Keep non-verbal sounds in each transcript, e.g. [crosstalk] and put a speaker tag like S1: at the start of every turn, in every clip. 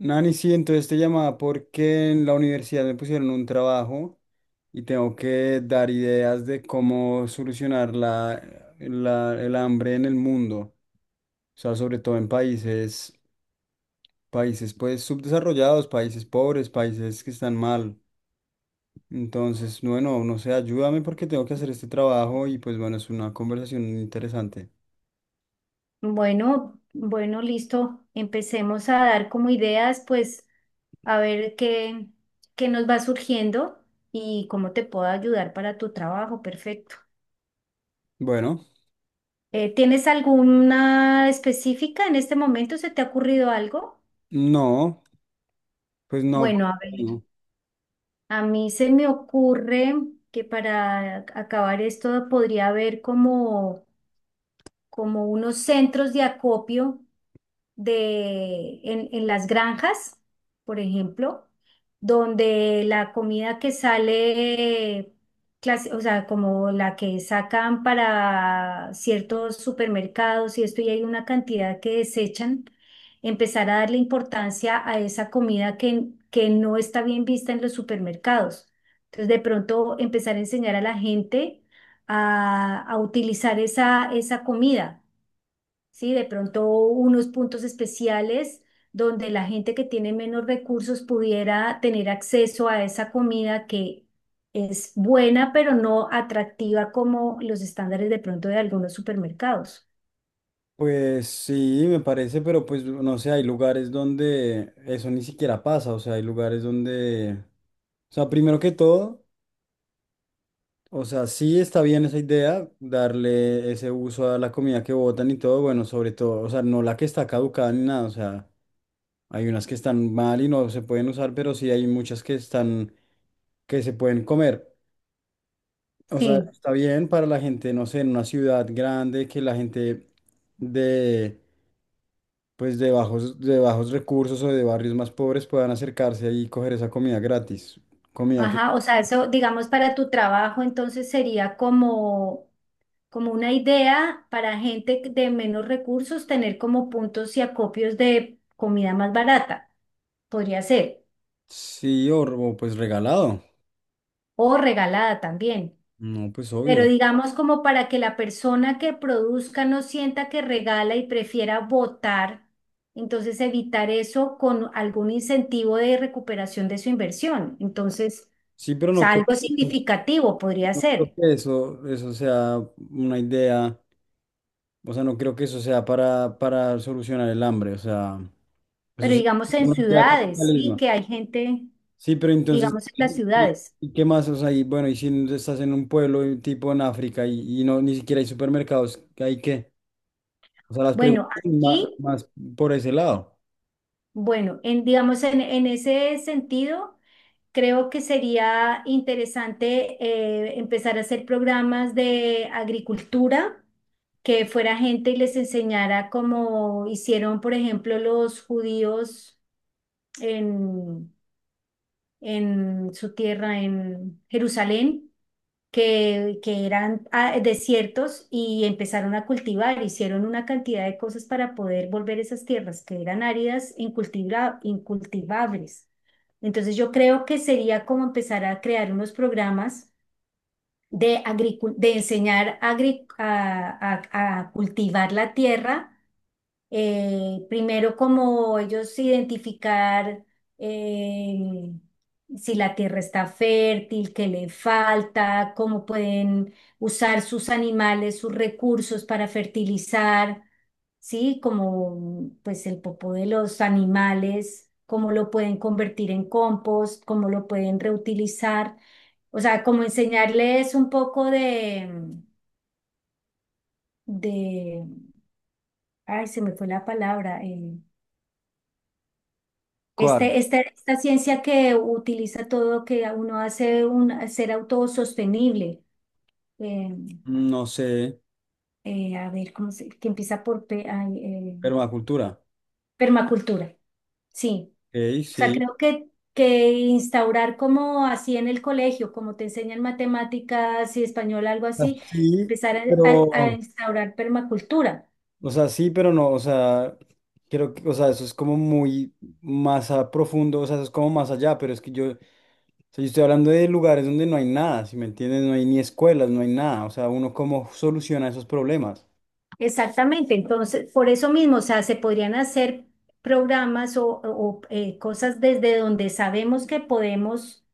S1: Nani, sí, entonces te llamaba porque en la universidad me pusieron un trabajo y tengo que dar ideas de cómo solucionar el hambre en el mundo, o sea, sobre todo en países, países pues subdesarrollados, países pobres, países que están mal. Entonces, bueno, no sé, ayúdame porque tengo que hacer este trabajo y pues bueno, es una conversación interesante.
S2: Bueno, bueno, listo. Empecemos a dar como ideas, pues a ver qué nos va surgiendo y cómo te puedo ayudar para tu trabajo. Perfecto.
S1: Bueno,
S2: ¿Tienes alguna específica en este momento? ¿Se te ha ocurrido algo?
S1: no, pues no.
S2: Bueno, a ver,
S1: No.
S2: a mí se me ocurre que para acabar esto podría haber como unos centros de acopio en las granjas, por ejemplo, donde la comida que sale, o sea, como la que sacan para ciertos supermercados y esto, y hay una cantidad que desechan, empezar a darle importancia a esa comida que no está bien vista en los supermercados. Entonces, de pronto empezar a enseñar a la gente a utilizar esa comida, ¿sí? De pronto unos puntos especiales donde la gente que tiene menos recursos pudiera tener acceso a esa comida que es buena, pero no atractiva como los estándares de pronto de algunos supermercados.
S1: Pues sí, me parece, pero pues no sé, hay lugares donde eso ni siquiera pasa, o sea, hay lugares donde, o sea, primero que todo, o sea, sí está bien esa idea, darle ese uso a la comida que botan y todo, bueno, sobre todo, o sea, no la que está caducada ni nada, o sea, hay unas que están mal y no se pueden usar, pero sí hay muchas que están, que se pueden comer, o sea,
S2: Sí,
S1: está bien para la gente, no sé, en una ciudad grande, que la gente de pues de bajos recursos o de barrios más pobres puedan acercarse ahí y coger esa comida gratis. Comida que
S2: ajá, o sea, eso, digamos, para tu trabajo, entonces sería como, una idea para gente de menos recursos tener como puntos y acopios de comida más barata, podría ser,
S1: sí, o pues regalado.
S2: o regalada también.
S1: No, pues obvio.
S2: Pero
S1: ¿No?
S2: digamos como para que la persona que produzca no sienta que regala y prefiera votar, entonces evitar eso con algún incentivo de recuperación de su inversión. Entonces,
S1: Sí, pero
S2: o
S1: no
S2: sea,
S1: creo,
S2: algo significativo podría
S1: no creo
S2: ser,
S1: que eso sea una idea. O sea, no creo que eso sea para solucionar el hambre. O sea, eso
S2: pero
S1: sí, es
S2: digamos en
S1: una idea
S2: ciudades, sí,
S1: capitalismo.
S2: que hay gente,
S1: Sí, pero entonces,
S2: digamos en las
S1: ¿
S2: ciudades.
S1: y qué más? O sea, y bueno, y si estás en un pueblo tipo en África y no ni siquiera hay supermercados, ¿hay qué? O sea, las
S2: Bueno,
S1: preguntas ma-
S2: aquí,
S1: más, por ese lado.
S2: bueno, digamos en ese sentido, creo que sería interesante, empezar a hacer programas de agricultura que fuera gente y les enseñara como hicieron, por ejemplo, los judíos en, en su tierra, en Jerusalén, que eran, desiertos y empezaron a cultivar, hicieron una cantidad de cosas para poder volver esas tierras que eran áridas incultivables. Entonces yo creo que sería como empezar a crear unos programas de enseñar a cultivar la tierra, primero, como ellos identificar, eh, si la tierra está fértil, qué le falta, cómo pueden usar sus animales, sus recursos para fertilizar, ¿sí? Como pues el popó de los animales, cómo lo pueden convertir en compost, cómo lo pueden reutilizar. O sea, como enseñarles un poco de, de, ay, se me fue la palabra. eh,
S1: ¿Cuál?
S2: Este, esta, esta ciencia que utiliza todo, que uno hace un ser autosostenible. eh,
S1: No sé,
S2: a ver, que empieza por
S1: permacultura.
S2: permacultura. Sí,
S1: Ok,
S2: o sea,
S1: sí.
S2: creo que instaurar como así en el colegio, como te enseñan matemáticas y español, algo
S1: O sea,
S2: así,
S1: Sí,
S2: empezar a
S1: pero,
S2: instaurar permacultura.
S1: o sea, sí, pero no, o sea, creo que, o sea, eso es como muy más a profundo, o sea, eso es como más allá, pero es que yo, o sea, yo estoy hablando de lugares donde no hay nada, ¿si me entiendes? No hay ni escuelas, no hay nada, o sea, uno cómo soluciona esos problemas.
S2: Exactamente, entonces, por eso mismo, o sea, se podrían hacer programas o cosas desde donde sabemos que podemos,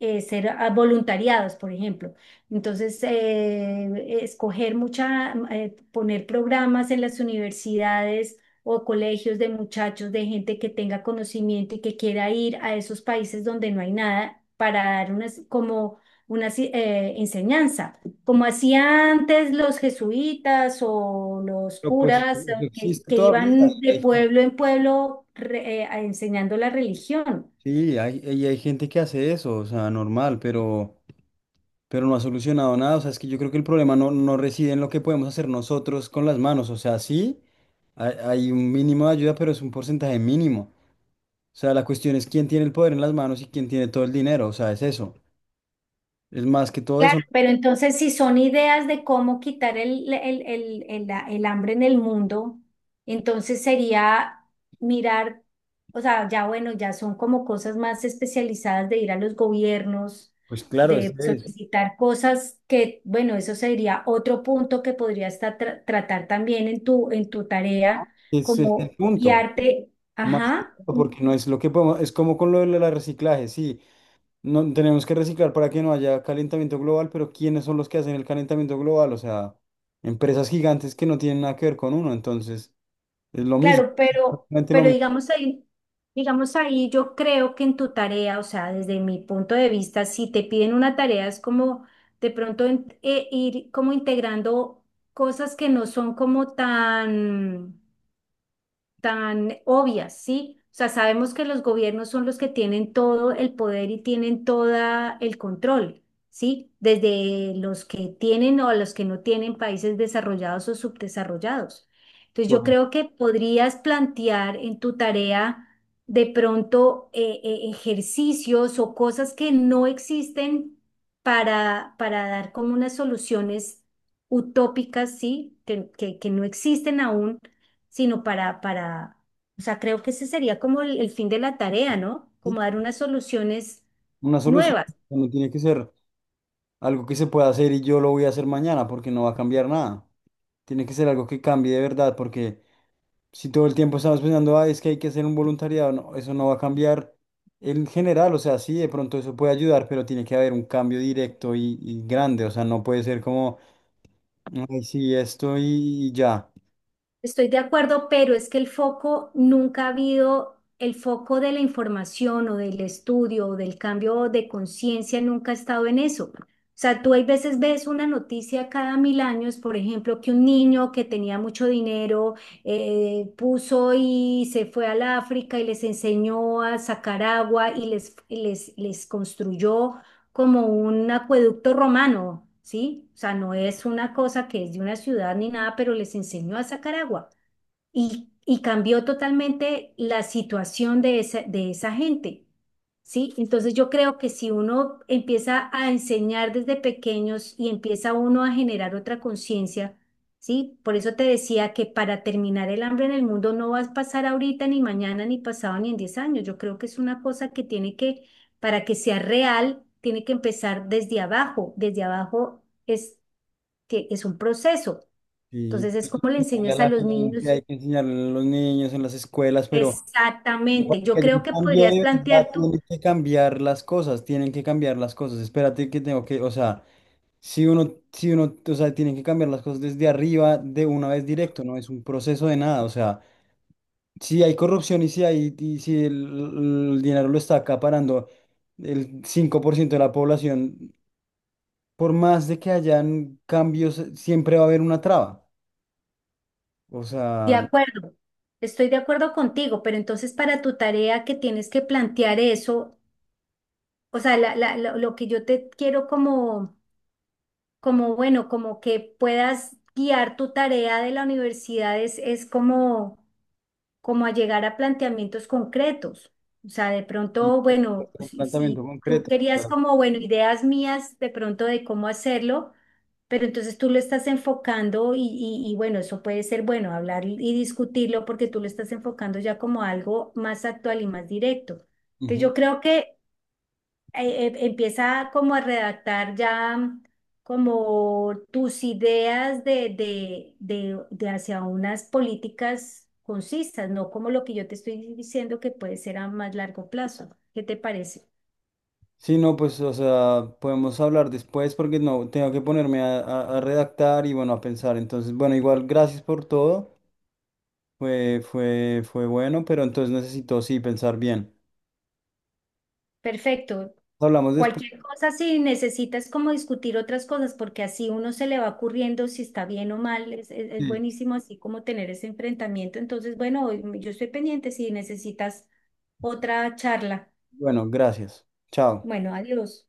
S2: ser, voluntariados, por ejemplo. Entonces, escoger poner programas en las universidades o colegios de muchachos, de gente que tenga conocimiento y que quiera ir a esos países donde no hay nada para dar unas, como una enseñanza, como hacían antes los jesuitas o los
S1: Pero pues eso
S2: curas, que,
S1: existe
S2: que
S1: todavía.
S2: iban de
S1: hay-
S2: pueblo en pueblo enseñando la religión.
S1: Sí, hay, y hay gente que hace eso, o sea, normal, pero no ha solucionado nada. O sea, es que yo creo que el problema no, no reside en lo que podemos hacer nosotros con las manos. O sea, sí, hay un mínimo de ayuda, pero es un porcentaje mínimo. O sea, la cuestión es quién tiene el poder en las manos y quién tiene todo el dinero. O sea, es eso. Es más que todo
S2: Claro,
S1: eso.
S2: pero entonces si son ideas de cómo quitar el hambre en el mundo, entonces sería mirar, o sea, ya bueno, ya son como cosas más especializadas de ir a los gobiernos,
S1: Pues claro,
S2: de solicitar cosas que, bueno, eso sería otro punto que podría estar tratar también en tu tarea,
S1: ese es el
S2: como
S1: punto.
S2: guiarte,
S1: Más que
S2: ajá.
S1: todo, porque no es lo que podemos, es como con lo del reciclaje, sí. No, tenemos que reciclar para que no haya calentamiento global, pero ¿quiénes son los que hacen el calentamiento global? O sea, empresas gigantes que no tienen nada que ver con uno. Entonces, es lo mismo,
S2: Claro, pero,
S1: exactamente lo
S2: pero
S1: mismo.
S2: digamos ahí, yo creo que en tu tarea, o sea, desde mi punto de vista, si te piden una tarea, es como de pronto ir como integrando cosas que no son como tan obvias, ¿sí? O sea, sabemos que los gobiernos son los que tienen todo el poder y tienen todo el control, ¿sí? Desde los que tienen o los que no tienen países desarrollados o subdesarrollados. Entonces, yo
S1: Correcto.
S2: creo que podrías plantear en tu tarea de pronto, ejercicios o cosas que no existen para dar como unas soluciones utópicas, ¿sí? que no existen aún, sino o sea, creo que ese sería como el fin de la tarea, ¿no? Como dar unas soluciones
S1: Una solución
S2: nuevas.
S1: no tiene que ser algo que se pueda hacer y yo lo voy a hacer mañana porque no va a cambiar nada. Tiene que ser algo que cambie de verdad porque si todo el tiempo estamos pensando, ah, es que hay que hacer un voluntariado, no, eso no va a cambiar en general. O sea, sí, de pronto eso puede ayudar, pero tiene que haber un cambio directo y grande. O sea, no puede ser como, ay, sí, esto y ya.
S2: Estoy de acuerdo, pero es que el foco nunca ha habido, el foco de la información o del estudio o del cambio de conciencia nunca ha estado en eso. O sea, tú hay veces ves una noticia cada 1000 años, por ejemplo, que un niño que tenía mucho dinero, puso y se fue al África y les enseñó a sacar agua y les construyó como un acueducto romano, ¿sí? O sea, no es una cosa que es de una ciudad ni nada, pero les enseñó a sacar agua y cambió totalmente la situación de esa gente. ¿Sí? Entonces yo creo que si uno empieza a enseñar desde pequeños y empieza uno a generar otra conciencia, ¿sí? Por eso te decía que para terminar el hambre en el mundo no va a pasar ahorita, ni mañana, ni pasado, ni en 10 años. Yo creo que es una cosa que tiene que, para que sea real, tiene que empezar desde abajo. Desde abajo es, que es un proceso.
S1: Sí,
S2: Entonces es
S1: [laughs]
S2: como le
S1: pues, hay a
S2: enseñas a
S1: la
S2: los
S1: gente,
S2: niños.
S1: hay que enseñarle a los niños en las escuelas, pero... Pero para
S2: Exactamente. Yo
S1: que haya
S2: creo
S1: un
S2: que
S1: cambio
S2: podrías
S1: de verdad,
S2: plantear tú,
S1: tienen que cambiar las cosas, tienen que cambiar las cosas. Espérate que tengo que, o sea, si uno, o sea, tienen que cambiar las cosas desde arriba de una vez directo, no es un proceso de nada. O sea, si hay corrupción y si hay, y si el dinero lo está acaparando el 5% de la población, por más de que hayan cambios, siempre va a haber una traba. O
S2: de
S1: sea, no-
S2: acuerdo, estoy de acuerdo contigo, pero entonces para tu tarea que tienes que plantear eso, o sea, lo que yo te quiero como, como que puedas guiar tu tarea de la universidad es como... como a llegar a planteamientos concretos. O sea, de pronto, bueno,
S1: un
S2: si,
S1: planteamiento
S2: si tú
S1: concreto.
S2: querías
S1: Claro.
S2: como, bueno, ideas mías de pronto de cómo hacerlo, pero entonces tú lo estás enfocando y bueno, eso puede ser bueno, hablar y discutirlo porque tú lo estás enfocando ya como algo más actual y más directo. Entonces yo creo que, empieza como a redactar ya como tus ideas de hacia unas políticas concisas, no como lo que yo te estoy diciendo que puede ser a más largo plazo. ¿Qué te parece?
S1: Sí, no, pues, o sea, podemos hablar después porque no, tengo que ponerme a, a redactar y bueno, a pensar. Entonces, bueno, igual, gracias por todo. Fue bueno, pero entonces necesito, sí, pensar bien.
S2: Perfecto.
S1: Hablamos después.
S2: Cualquier cosa, si necesitas como discutir otras cosas, porque así uno se le va ocurriendo si está bien o mal, es
S1: Sí.
S2: buenísimo así como tener ese enfrentamiento. Entonces, bueno, yo estoy pendiente si necesitas otra charla.
S1: Bueno, gracias. Chao.
S2: Bueno, adiós.